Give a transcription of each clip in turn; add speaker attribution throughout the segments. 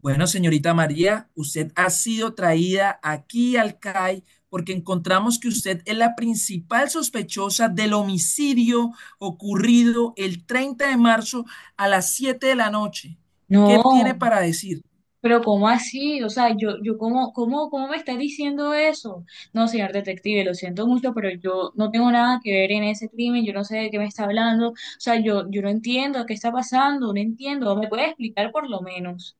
Speaker 1: Bueno, señorita María, usted ha sido traída aquí al CAI porque encontramos que usted es la principal sospechosa del homicidio ocurrido el 30 de marzo a las 7 de la noche. ¿Qué tiene
Speaker 2: No,
Speaker 1: para decir?
Speaker 2: pero ¿cómo así? O sea, yo ¿cómo me estás diciendo eso? No, señor detective, lo siento mucho, pero yo no tengo nada que ver en ese crimen, yo no sé de qué me está hablando, o sea, yo no entiendo qué está pasando, no entiendo, ¿me puede explicar por lo menos?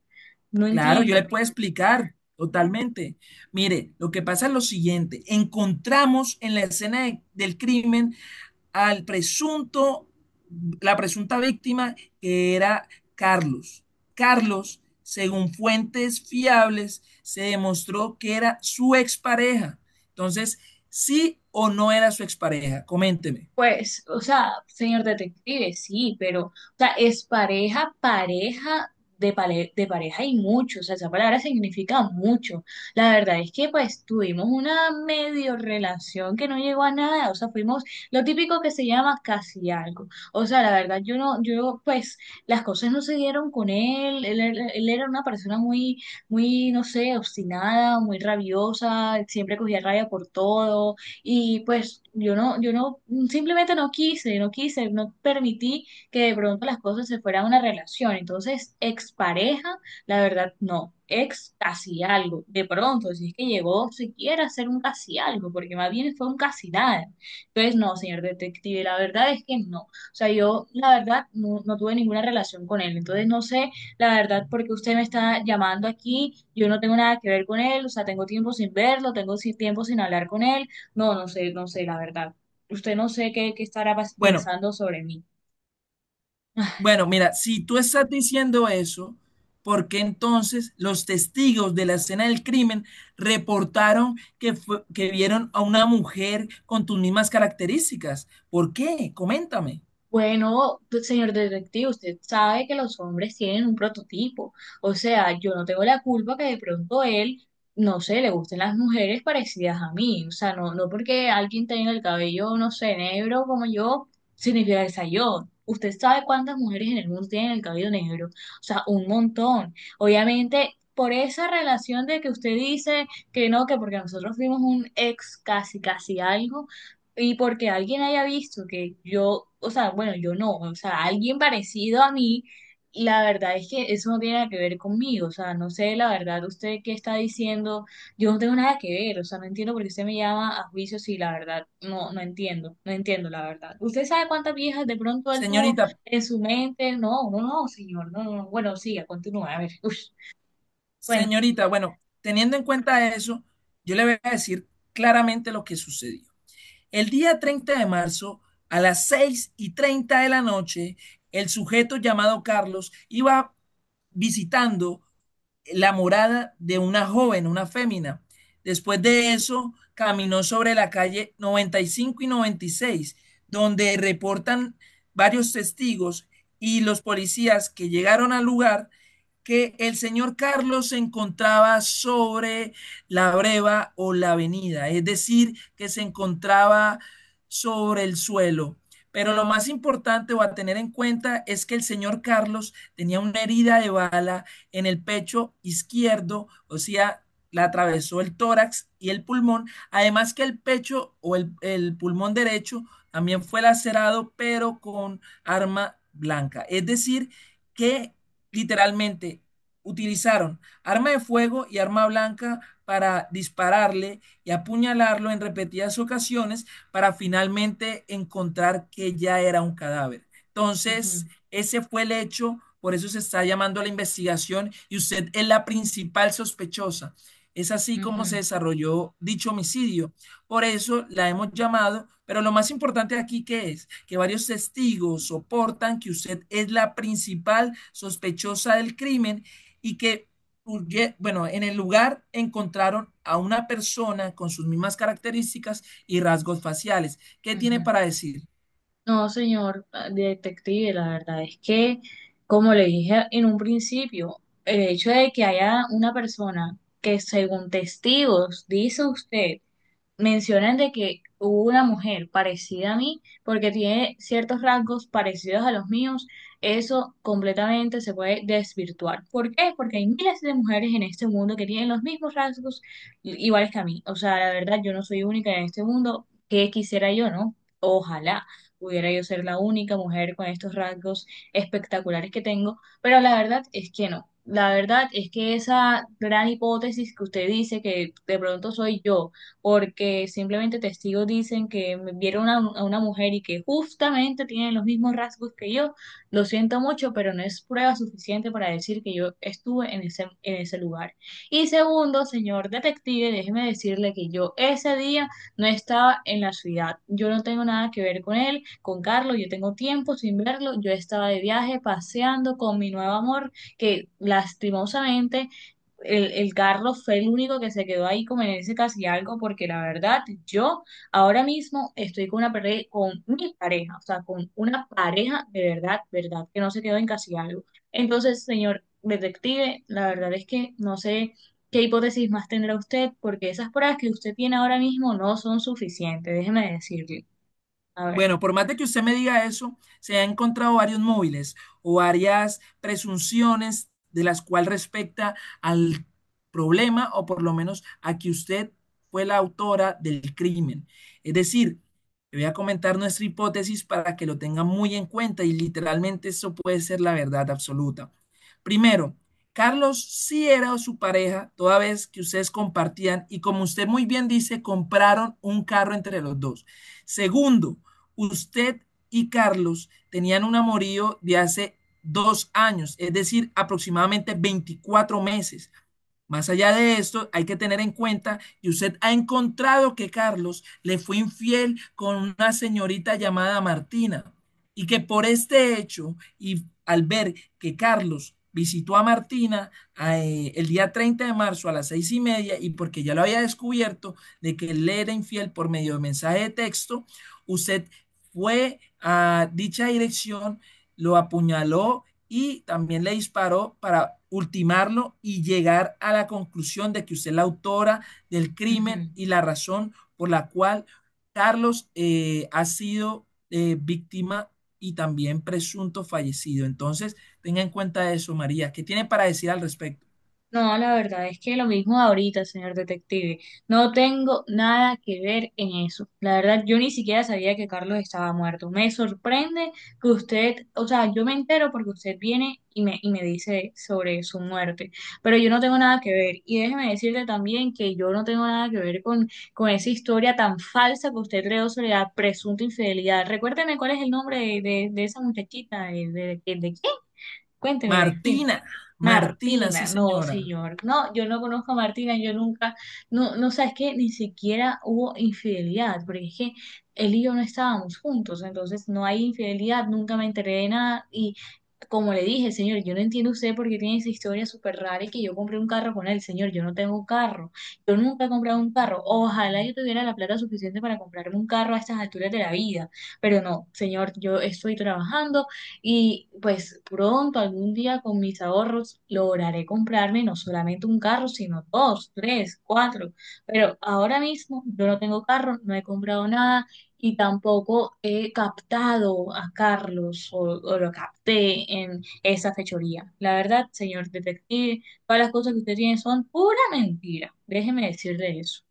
Speaker 2: No
Speaker 1: Claro, yo
Speaker 2: entiendo.
Speaker 1: le puedo explicar totalmente. Mire, lo que pasa es lo siguiente. Encontramos en la escena del crimen al presunto, la presunta víctima que era Carlos. Carlos, según fuentes fiables, se demostró que era su expareja. Entonces, ¿sí o no era su expareja? Coménteme.
Speaker 2: Pues, o sea, señor detective, sí, pero, o sea, es pareja, pareja de pareja y mucho, o sea, esa palabra significa mucho. La verdad es que, pues, tuvimos una medio relación que no llegó a nada, o sea, fuimos lo típico que se llama casi algo. O sea, la verdad, yo no, yo, pues, las cosas no se dieron con él, él era una persona muy, muy, no sé, obstinada, muy rabiosa, siempre cogía rabia por todo y pues yo no, yo no, simplemente no quise, no quise, no permití que de pronto las cosas se fueran a una relación. Entonces, expareja, la verdad, no. Ex casi algo. De pronto, si es que llegó siquiera a ser un casi algo, porque más bien fue un casi nada. Entonces, no, señor detective, la verdad es que no. O sea, yo, la verdad, no, no tuve ninguna relación con él. Entonces, no sé, la verdad, porque usted me está llamando aquí, yo no tengo nada que ver con él, o sea, tengo tiempo sin verlo, tengo tiempo sin hablar con él. No, no sé, no sé, la verdad. Usted no sé qué estará
Speaker 1: Bueno,
Speaker 2: pensando sobre mí.
Speaker 1: bueno, mira, si tú estás diciendo eso, ¿por qué entonces los testigos de la escena del crimen reportaron que, que vieron a una mujer con tus mismas características? ¿Por qué? Coméntame.
Speaker 2: Bueno, pues, señor detective, usted sabe que los hombres tienen un prototipo. O sea, yo no tengo la culpa que de pronto él, no sé, le gusten las mujeres parecidas a mí. O sea, no, no porque alguien tenga el cabello, no sé, negro como yo, significa que sea yo. Usted sabe cuántas mujeres en el mundo tienen el cabello negro. O sea, un montón. Obviamente, por esa relación de que usted dice que no, que porque nosotros fuimos un ex casi, casi algo. Y porque alguien haya visto que yo, o sea, bueno, yo no, o sea, alguien parecido a mí, la verdad es que eso no tiene nada que ver conmigo, o sea, no sé, la verdad, usted qué está diciendo, yo no tengo nada que ver, o sea, no entiendo por qué usted me llama a juicio si la verdad, no, no entiendo, no entiendo la verdad. ¿Usted sabe cuántas viejas de pronto él tuvo
Speaker 1: Señorita,
Speaker 2: en su mente? No, no, no, señor, no, no, no. Bueno, siga, continúa, a ver, uff, cuente.
Speaker 1: Señorita, bueno, teniendo en cuenta eso, yo le voy a decir claramente lo que sucedió. El día 30 de marzo, a las 6:30 de la noche, el sujeto llamado Carlos iba visitando la morada de una joven, una fémina. Después de eso, caminó sobre la calle 95 y 96, donde reportan varios testigos y los policías que llegaron al lugar que el señor Carlos se encontraba sobre la breva o la avenida, es decir, que se encontraba sobre el suelo. Pero lo más importante o a tener en cuenta es que el señor Carlos tenía una herida de bala en el pecho izquierdo, o sea, la atravesó el tórax y el pulmón, además que el pecho o el pulmón derecho también fue lacerado, pero con arma blanca. Es decir, que literalmente utilizaron arma de fuego y arma blanca para dispararle y apuñalarlo en repetidas ocasiones para finalmente encontrar que ya era un cadáver. Entonces, ese fue el hecho, por eso se está llamando a la investigación y usted es la principal sospechosa. Es así
Speaker 2: Ujú,
Speaker 1: como
Speaker 2: ujú,
Speaker 1: se desarrolló dicho homicidio. Por eso la hemos llamado, pero lo más importante aquí que es que varios testigos soportan que usted es la principal sospechosa del crimen y que, bueno, en el lugar encontraron a una persona con sus mismas características y rasgos faciales. ¿Qué tiene
Speaker 2: ujú.
Speaker 1: para decir?
Speaker 2: No, señor detective, la verdad es que, como le dije en un principio, el hecho de que haya una persona que según testigos, dice usted, mencionan de que hubo una mujer parecida a mí, porque tiene ciertos rasgos parecidos a los míos, eso completamente se puede desvirtuar. ¿Por qué? Porque hay miles de mujeres en este mundo que tienen los mismos rasgos iguales que a mí. O sea, la verdad, yo no soy única en este mundo. ¿Qué quisiera yo, no? Ojalá pudiera yo ser la única mujer con estos rasgos espectaculares que tengo, pero la verdad es que no. La verdad es que esa gran hipótesis que usted dice que de pronto soy yo, porque simplemente testigos dicen que me vieron a una mujer y que justamente tiene los mismos rasgos que yo. Lo siento mucho, pero no es prueba suficiente para decir que yo estuve en ese lugar. Y segundo, señor detective, déjeme decirle que yo ese día no estaba en la ciudad. Yo no tengo nada que ver con él, con Carlos, yo tengo tiempo sin verlo. Yo estaba de viaje paseando con mi nuevo amor, que lastimosamente el carro fue el único que se quedó ahí como en ese casi algo, porque la verdad, yo ahora mismo estoy con mi pareja, o sea, con una pareja de verdad, verdad, que no se quedó en casi algo. Entonces, señor detective, la verdad es que no sé qué hipótesis más tendrá usted, porque esas pruebas que usted tiene ahora mismo no son suficientes, déjeme decirle. A ver.
Speaker 1: Bueno, por más de que usted me diga eso, se han encontrado varios móviles o varias presunciones de las cuales respecta al problema o por lo menos a que usted fue la autora del crimen. Es decir, le voy a comentar nuestra hipótesis para que lo tenga muy en cuenta y literalmente eso puede ser la verdad absoluta. Primero, Carlos sí era su pareja toda vez que ustedes compartían y como usted muy bien dice, compraron un carro entre los dos. Segundo, usted y Carlos tenían un amorío de hace 2 años, es decir, aproximadamente 24 meses. Más allá de esto, hay que tener en cuenta que usted ha encontrado que Carlos le fue infiel con una señorita llamada Martina y que por este hecho y al ver que Carlos visitó a Martina el día 30 de marzo a las 6:30 y porque ya lo había descubierto de que él le era infiel por medio de mensaje de texto, usted fue a dicha dirección, lo apuñaló y también le disparó para ultimarlo y llegar a la conclusión de que usted es la autora del crimen
Speaker 2: Ujú.
Speaker 1: y la razón por la cual Carlos ha sido víctima y también presunto fallecido. Entonces, tenga en cuenta eso, María. ¿Qué tiene para decir al respecto?
Speaker 2: No, la verdad es que lo mismo ahorita, señor detective. No tengo nada que ver en eso. La verdad, yo ni siquiera sabía que Carlos estaba muerto. Me sorprende que usted, o sea, yo me entero porque usted viene y me dice sobre su muerte, pero yo no tengo nada que ver. Y déjeme decirle también que yo no tengo nada que ver con esa historia tan falsa que usted creó sobre la presunta infidelidad. Recuérdeme cuál es el nombre de esa muchachita, de quién. Cuénteme de quién.
Speaker 1: Martina, Martina, sí,
Speaker 2: Martina, no,
Speaker 1: señora.
Speaker 2: señor, no, yo no conozco a Martina, yo nunca, no, no, sabes que ni siquiera hubo infidelidad, porque es que él y yo no estábamos juntos, entonces no hay infidelidad, nunca me enteré de nada, como le dije, señor, yo no entiendo usted por qué tiene esa historia súper rara y que yo compré un carro con él. Señor, yo no tengo carro. Yo nunca he comprado un carro. Ojalá yo tuviera la plata suficiente para comprarme un carro a estas alturas de la vida. Pero no, señor, yo estoy trabajando y pues pronto, algún día con mis ahorros, lograré comprarme no solamente un carro, sino dos, tres, cuatro. Pero ahora mismo yo no tengo carro, no he comprado nada y tampoco he captado a Carlos o lo capté en esa fechoría. La verdad, señor detective, todas las cosas que usted tiene son pura mentira. Déjeme decirle eso.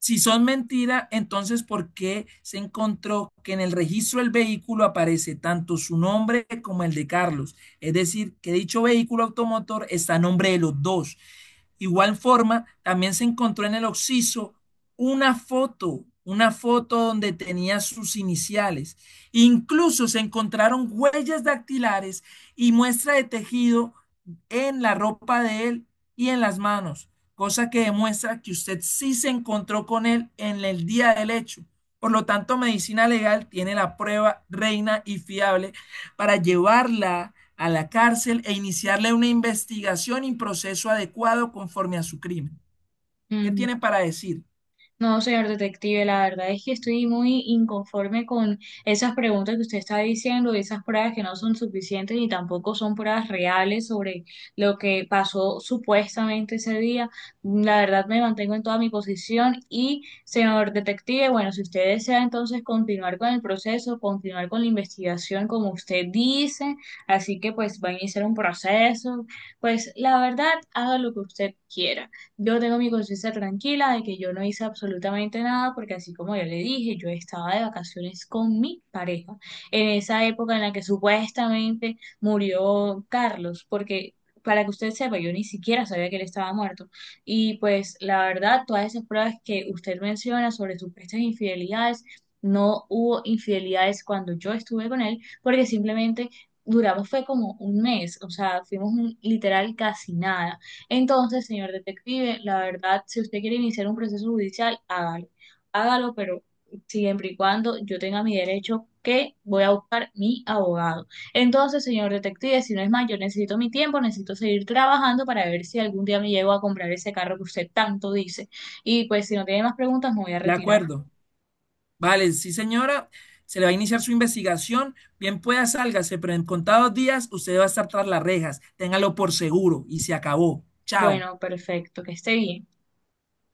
Speaker 1: Si son mentira, entonces ¿por qué se encontró que en el registro del vehículo aparece tanto su nombre como el de Carlos? Es decir, que dicho vehículo automotor está a nombre de los dos. Igual forma, también se encontró en el occiso una foto donde tenía sus iniciales. Incluso se encontraron huellas dactilares y muestra de tejido en la ropa de él y en las manos cosa que demuestra que usted sí se encontró con él en el día del hecho. Por lo tanto, medicina legal tiene la prueba reina y fiable para llevarla a la cárcel e iniciarle una investigación y proceso adecuado conforme a su crimen. ¿Qué tiene para decir?
Speaker 2: No, señor detective, la verdad es que estoy muy inconforme con esas preguntas que usted está diciendo, esas pruebas que no son suficientes ni tampoco son pruebas reales sobre lo que pasó supuestamente ese día. La verdad me mantengo en toda mi posición y, señor detective, bueno, si usted desea entonces continuar con el proceso, continuar con la investigación como usted dice, así que pues va a iniciar un proceso, pues la verdad haga lo que usted quiera. Yo tengo mi conciencia tranquila de que yo no hice absolutamente nada porque así como yo le dije, yo estaba de vacaciones con mi pareja en esa época en la que supuestamente murió Carlos, porque para que usted sepa, yo ni siquiera sabía que él estaba muerto. Y pues la verdad, todas esas pruebas que usted menciona sobre supuestas infidelidades, no hubo infidelidades cuando yo estuve con él porque simplemente... Duramos fue como un mes, o sea, fuimos un, literal casi nada. Entonces, señor detective, la verdad, si usted quiere iniciar un proceso judicial, hágalo. Hágalo, pero siempre y cuando yo tenga mi derecho que voy a buscar mi abogado. Entonces, señor detective, si no es más, yo necesito mi tiempo, necesito seguir trabajando para ver si algún día me llego a comprar ese carro que usted tanto dice. Y pues, si no tiene más preguntas, me voy a
Speaker 1: De
Speaker 2: retirar.
Speaker 1: acuerdo. Vale, sí señora, se le va a iniciar su investigación, bien pueda sálgase, pero en contados días usted va a estar tras las rejas, téngalo por seguro y se acabó. Chao.
Speaker 2: Bueno, perfecto, que esté bien.